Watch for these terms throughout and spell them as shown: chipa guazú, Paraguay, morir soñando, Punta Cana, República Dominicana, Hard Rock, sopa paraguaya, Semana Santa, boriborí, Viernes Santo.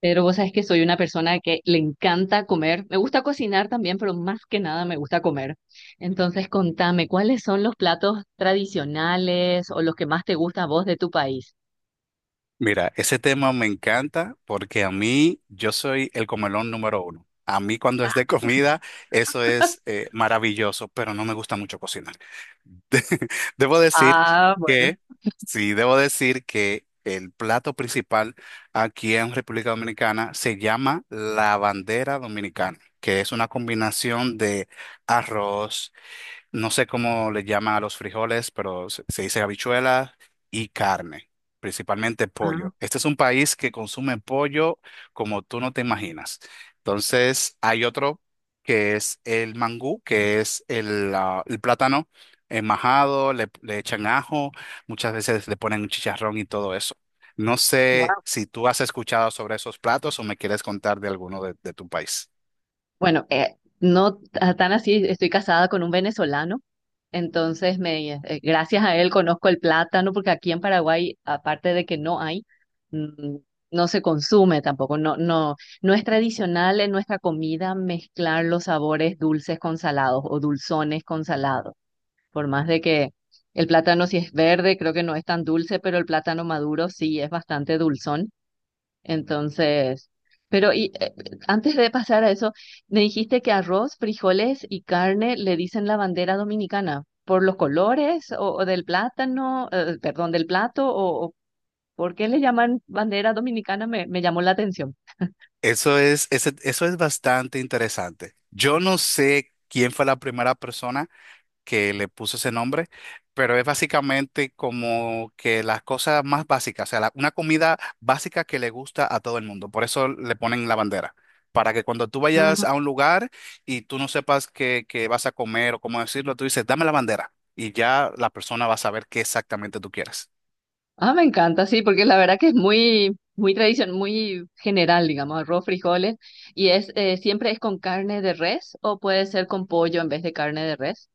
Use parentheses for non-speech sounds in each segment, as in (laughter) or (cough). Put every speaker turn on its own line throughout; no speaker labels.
Pero vos sabés que soy una persona que le encanta comer. Me gusta cocinar también, pero más que nada me gusta comer. Entonces, contame, ¿cuáles son los platos tradicionales o los que más te gusta a vos de tu país?
Mira, ese tema me encanta porque a mí yo soy el comelón número uno. A mí cuando es de comida, eso es maravilloso, pero no me gusta mucho cocinar. De- (laughs) debo decir
Ah, bueno.
que, sí, debo decir que el plato principal aquí en República Dominicana se llama la bandera dominicana, que es una combinación de arroz. No sé cómo le llaman a los frijoles, pero se dice habichuela y carne, principalmente
Ah,
pollo. Este es un país que consume pollo como tú no te imaginas. Entonces, hay otro que es el mangú, que es el plátano majado, le echan ajo, muchas veces le ponen un chicharrón y todo eso. No sé
guau.
si tú has escuchado sobre esos platos o me quieres contar de alguno de tu país.
Bueno, no tan así, estoy casada con un venezolano. Entonces, gracias a él conozco el plátano, porque aquí en Paraguay, aparte de que no hay, mm, no se consume tampoco. No, no es tradicional en nuestra comida mezclar los sabores dulces con salados o dulzones con salados. Por más de que el plátano si es verde, creo que no es tan dulce, pero el plátano maduro sí es bastante dulzón. Entonces, pero y, eh, antes de pasar a eso, me dijiste que arroz, frijoles y carne le dicen la bandera dominicana por los colores o del plátano, perdón, del plato o por qué le llaman bandera dominicana, me llamó la atención.
Eso es, eso es bastante interesante. Yo no sé quién fue la primera persona que le puso ese nombre, pero es básicamente como que las cosas más básicas, o sea, una comida básica que le gusta a todo el mundo. Por eso le ponen la bandera, para que cuando tú vayas
Ah,
a un lugar y tú no sepas qué, qué vas a comer o cómo decirlo, tú dices, dame la bandera y ya la persona va a saber qué exactamente tú quieres.
ah, me encanta, sí, porque la verdad que es muy, muy tradición, muy general, digamos, arroz, frijoles y es siempre es con carne de res o puede ser con pollo en vez de carne de res.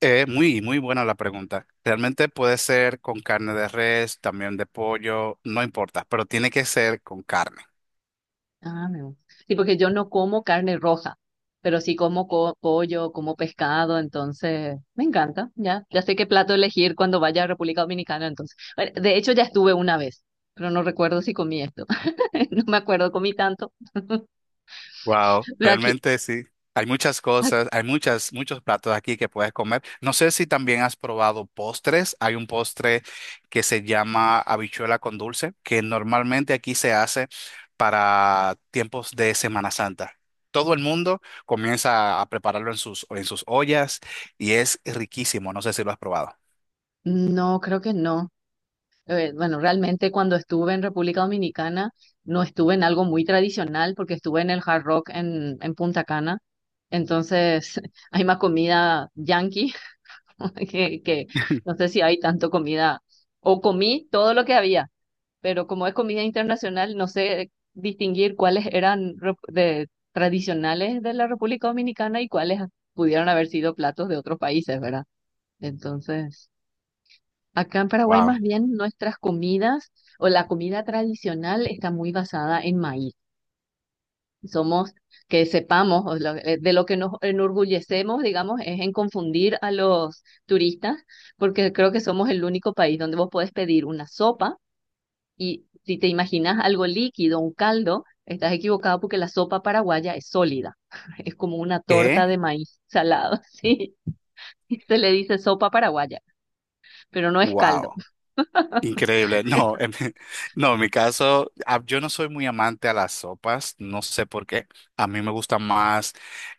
Muy, muy buena la pregunta. Realmente puede ser con carne de res, también de pollo, no importa, pero tiene que ser con carne.
Ah, me gusta. Sí, porque yo no como carne roja, pero sí como pollo, como pescado, entonces me encanta, ya. Ya sé qué plato elegir cuando vaya a República Dominicana, entonces. Bueno, de hecho, ya estuve una vez, pero no recuerdo si comí esto. (laughs) No me acuerdo, comí tanto,
Wow,
pero aquí,
realmente sí. Hay muchas
ac-
cosas, hay muchas, muchos platos aquí que puedes comer. No sé si también has probado postres. Hay un postre que se llama habichuela con dulce, que normalmente aquí se hace para tiempos de Semana Santa. Todo el mundo comienza a prepararlo en en sus ollas y es riquísimo. No sé si lo has probado.
no, creo que no. Bueno, realmente cuando estuve en República Dominicana, no estuve en algo muy tradicional, porque estuve en el Hard Rock en Punta Cana, entonces (laughs) hay más comida yankee (laughs) que no
(laughs)
sé si hay tanto comida, o comí todo lo que había, pero como es comida internacional, no sé distinguir cuáles eran tradicionales de la República Dominicana y cuáles pudieron haber sido platos de otros países, ¿verdad? Entonces, acá en Paraguay más
Wow.
bien nuestras comidas o la comida tradicional está muy basada en maíz somos, que sepamos, de lo que nos enorgullecemos, digamos, es en confundir a los turistas, porque creo que somos el único país donde vos podés pedir una sopa y si te imaginas algo líquido, un caldo, estás equivocado porque la sopa paraguaya es sólida, (laughs) es como una
¿Qué?
torta de maíz salado, (laughs) sí, se le dice sopa paraguaya, pero no es caldo.
Wow. Increíble.
(laughs)
No, en mi caso, yo no soy muy amante a las sopas, no sé por qué. A mí me gusta más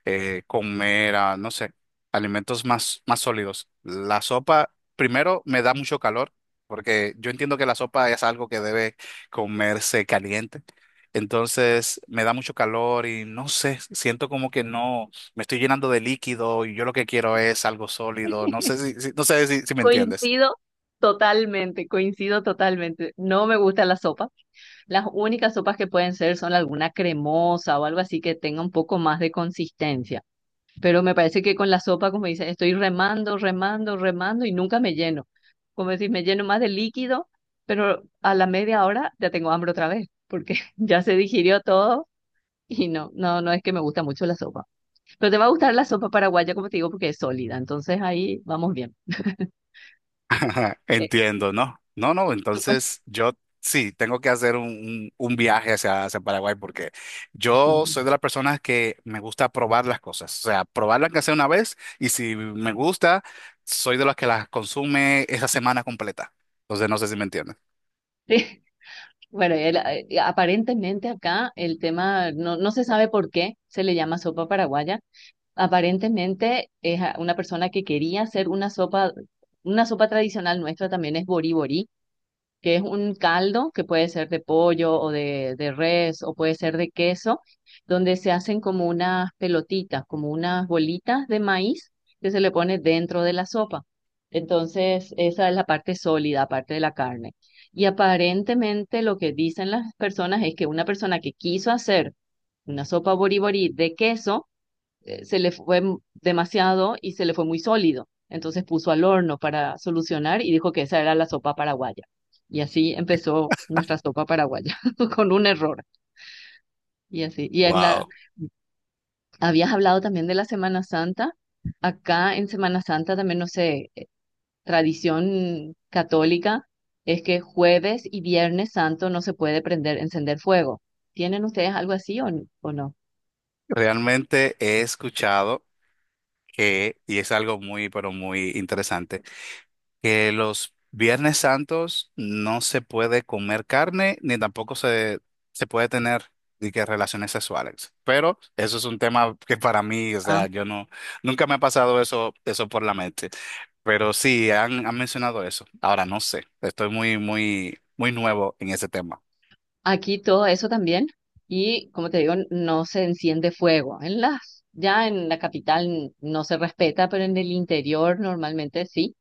comer, no sé, alimentos más, más sólidos. La sopa, primero, me da mucho calor, porque yo entiendo que la sopa es algo que debe comerse caliente. Entonces, me da mucho calor y no sé, siento como que no, me estoy llenando de líquido y yo lo que quiero es algo sólido. No sé no sé si me entiendes.
Coincido coincido totalmente, no me gusta la sopa. Las únicas sopas que pueden ser son alguna cremosa o algo así que tenga un poco más de consistencia. Pero me parece que con la sopa, como dices, estoy remando, remando, remando y nunca me lleno. Como decís, me lleno más de líquido, pero a la media hora ya tengo hambre otra vez, porque (laughs) ya se digirió todo y no es que me gusta mucho la sopa. Pero te va a gustar la sopa paraguaya, como te digo, porque es sólida. Entonces ahí vamos bien.
(laughs) Ajá,
Eh,
entiendo, ¿no? No, no,
tú puedes-
entonces yo sí, tengo que hacer un viaje hacia Paraguay porque yo
sí.
soy de las personas que me gusta probar las cosas, o sea, probarlas que sea una vez y si me gusta, soy de las que las consume esa semana completa. Entonces no sé si me entienden.
(laughs) Bueno, aparentemente acá el tema, no se sabe por qué se le llama sopa paraguaya. Aparentemente es una persona que quería hacer una sopa tradicional nuestra también es boriborí, que es un caldo que puede ser de pollo o de res o puede ser de queso, donde se hacen como unas pelotitas, como unas bolitas de maíz que se le pone dentro de la sopa. Entonces, esa es la parte sólida, aparte de la carne. Y aparentemente lo que dicen las personas es que una persona que quiso hacer una sopa boriborí de queso, se le fue demasiado y se le fue muy sólido. Entonces puso al horno para solucionar y dijo que esa era la sopa paraguaya. Y así empezó nuestra sopa paraguaya, (laughs) con un error. Y así.
Wow.
Habías hablado también de la Semana Santa. Acá en Semana Santa también, no sé, tradición católica es que jueves y viernes santo no se puede prender, encender fuego. ¿Tienen ustedes algo así o no?
Realmente he escuchado que, y es algo muy, pero muy interesante, que los Viernes Santos no se puede comer carne ni tampoco se puede tener ni que relaciones sexuales. Pero eso es un tema que para mí, o sea, yo no, nunca me ha pasado eso, eso por la mente. Pero sí, han mencionado eso. Ahora no sé, estoy muy, muy, muy nuevo en ese tema.
Aquí todo eso también. Y como te digo, no se enciende fuego. En las, ya en la capital no se respeta, pero en el interior normalmente sí.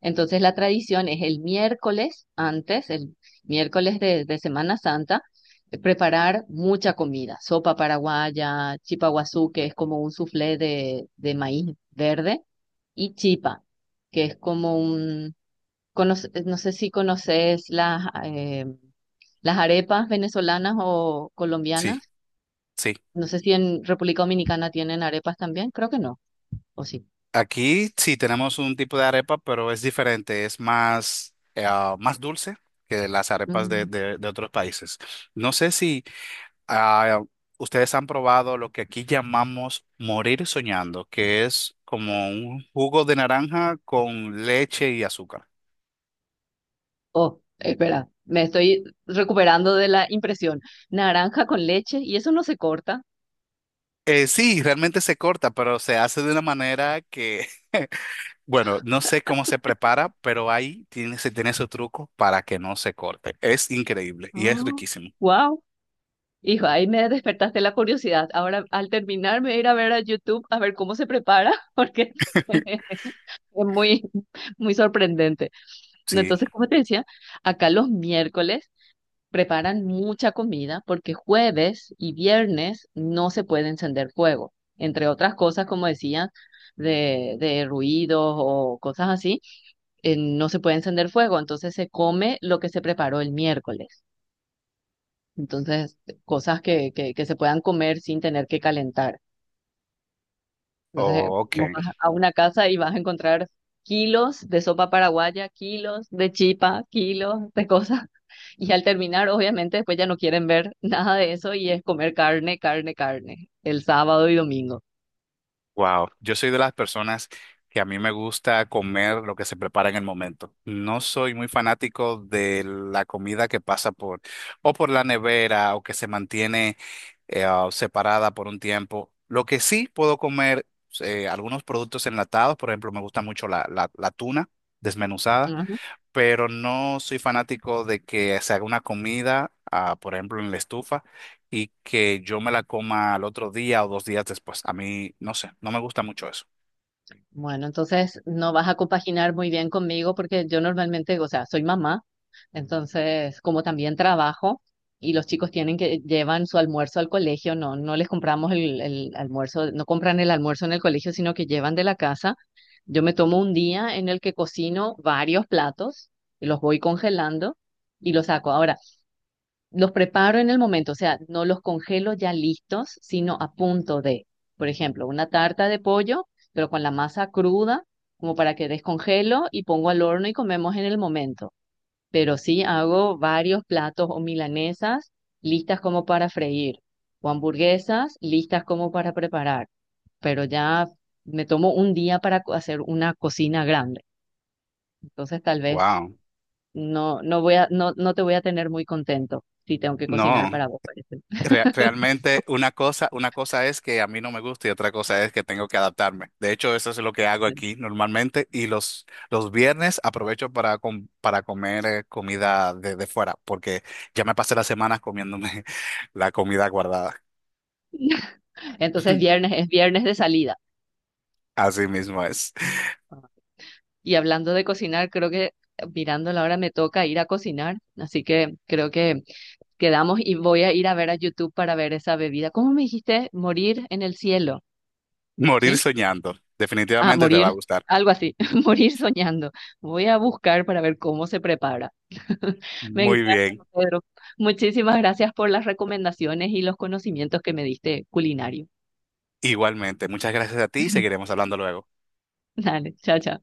Entonces la tradición es el miércoles antes, el miércoles de Semana Santa, preparar mucha comida. Sopa paraguaya, chipa guazú, que es como un soufflé de maíz verde, y chipa, que es como un... no sé si conoces las arepas venezolanas o
Sí,
colombianas,
sí.
no sé si en República Dominicana tienen arepas también, creo que no, o sí.
Aquí sí tenemos un tipo de arepa, pero es diferente, es más, más dulce que las arepas
Mm.
de otros países. No sé si Ah, ustedes han probado lo que aquí llamamos morir soñando, que es como un jugo de naranja con leche y azúcar.
Oh, espera, me estoy recuperando de la impresión. Naranja con leche y eso no se corta.
Sí, realmente se corta, pero se hace de una manera que, (laughs) bueno, no sé cómo se prepara, pero ahí tiene, se tiene su truco para que no se corte. Es increíble y es
Oh,
riquísimo.
wow. Hijo, ahí me despertaste la curiosidad. Ahora, al terminar, me voy a ir a ver a YouTube a ver cómo se prepara, (laughs) porque (laughs)
(laughs)
es muy, muy sorprendente. No,
Sí.
entonces, como te decía, acá los miércoles preparan mucha comida porque jueves y viernes no se puede encender fuego, entre otras cosas, como decía, de ruidos o cosas así, no se puede encender fuego, entonces se come lo que se preparó el miércoles. Entonces, cosas que se puedan comer sin tener que calentar. Entonces,
Oh, ok.
vos vas a una casa y vas a encontrar kilos de sopa paraguaya, kilos de chipa, kilos de cosas. (laughs) Y al terminar, obviamente, después ya no quieren ver nada de eso y es comer carne, carne, carne, el sábado y domingo.
Wow, yo soy de las personas que a mí me gusta comer lo que se prepara en el momento. No soy muy fanático de la comida que pasa por o por la nevera o que se mantiene separada por un tiempo. Lo que sí puedo comer algunos productos enlatados, por ejemplo, me gusta mucho la tuna desmenuzada, pero no soy fanático de que se haga una comida, por ejemplo, en la estufa y que yo me la coma al otro día o dos días después. A mí, no sé, no me gusta mucho eso.
Bueno, entonces no vas a compaginar muy bien conmigo porque yo normalmente, o sea, soy mamá, entonces como también trabajo y los chicos tienen que llevan su almuerzo al colegio, no, no les compramos el almuerzo, no compran el almuerzo en el colegio, sino que llevan de la casa. Yo me tomo un día en el que cocino varios platos y los voy congelando y los saco. Ahora, los preparo en el momento, o sea, no los congelo ya listos, sino a punto de, por ejemplo, una tarta de pollo, pero con la masa cruda, como para que descongelo y pongo al horno y comemos en el momento. Pero sí hago varios platos o milanesas listas como para freír, o hamburguesas listas como para preparar. Pero ya me tomo un día para hacer una cocina grande. Entonces tal vez
Wow.
no te voy a tener muy contento si tengo que cocinar
No,
para vos.
realmente una cosa es que a mí no me gusta y otra cosa es que tengo que adaptarme. De hecho, eso es lo que hago aquí normalmente y los viernes aprovecho para, para comer comida de fuera porque ya me pasé las semanas comiéndome (laughs) la comida guardada.
Entonces
(laughs)
viernes es viernes de salida.
Así mismo es.
Y hablando de cocinar, creo que mirando la hora me toca ir a cocinar, así que creo que quedamos y voy a ir a ver a YouTube para ver esa bebida. ¿Cómo me dijiste? Morir en el cielo,
Morir
¿sí?
soñando.
Ah,
Definitivamente te va a
morir,
gustar.
algo así, (laughs) morir soñando. Voy a buscar para ver cómo se prepara. (laughs) Me
Muy
encanta,
bien.
Pedro. Muchísimas gracias por las recomendaciones y los conocimientos que me diste culinario.
Igualmente. Muchas gracias a ti y seguiremos hablando luego.
(laughs) Dale, chao, chao.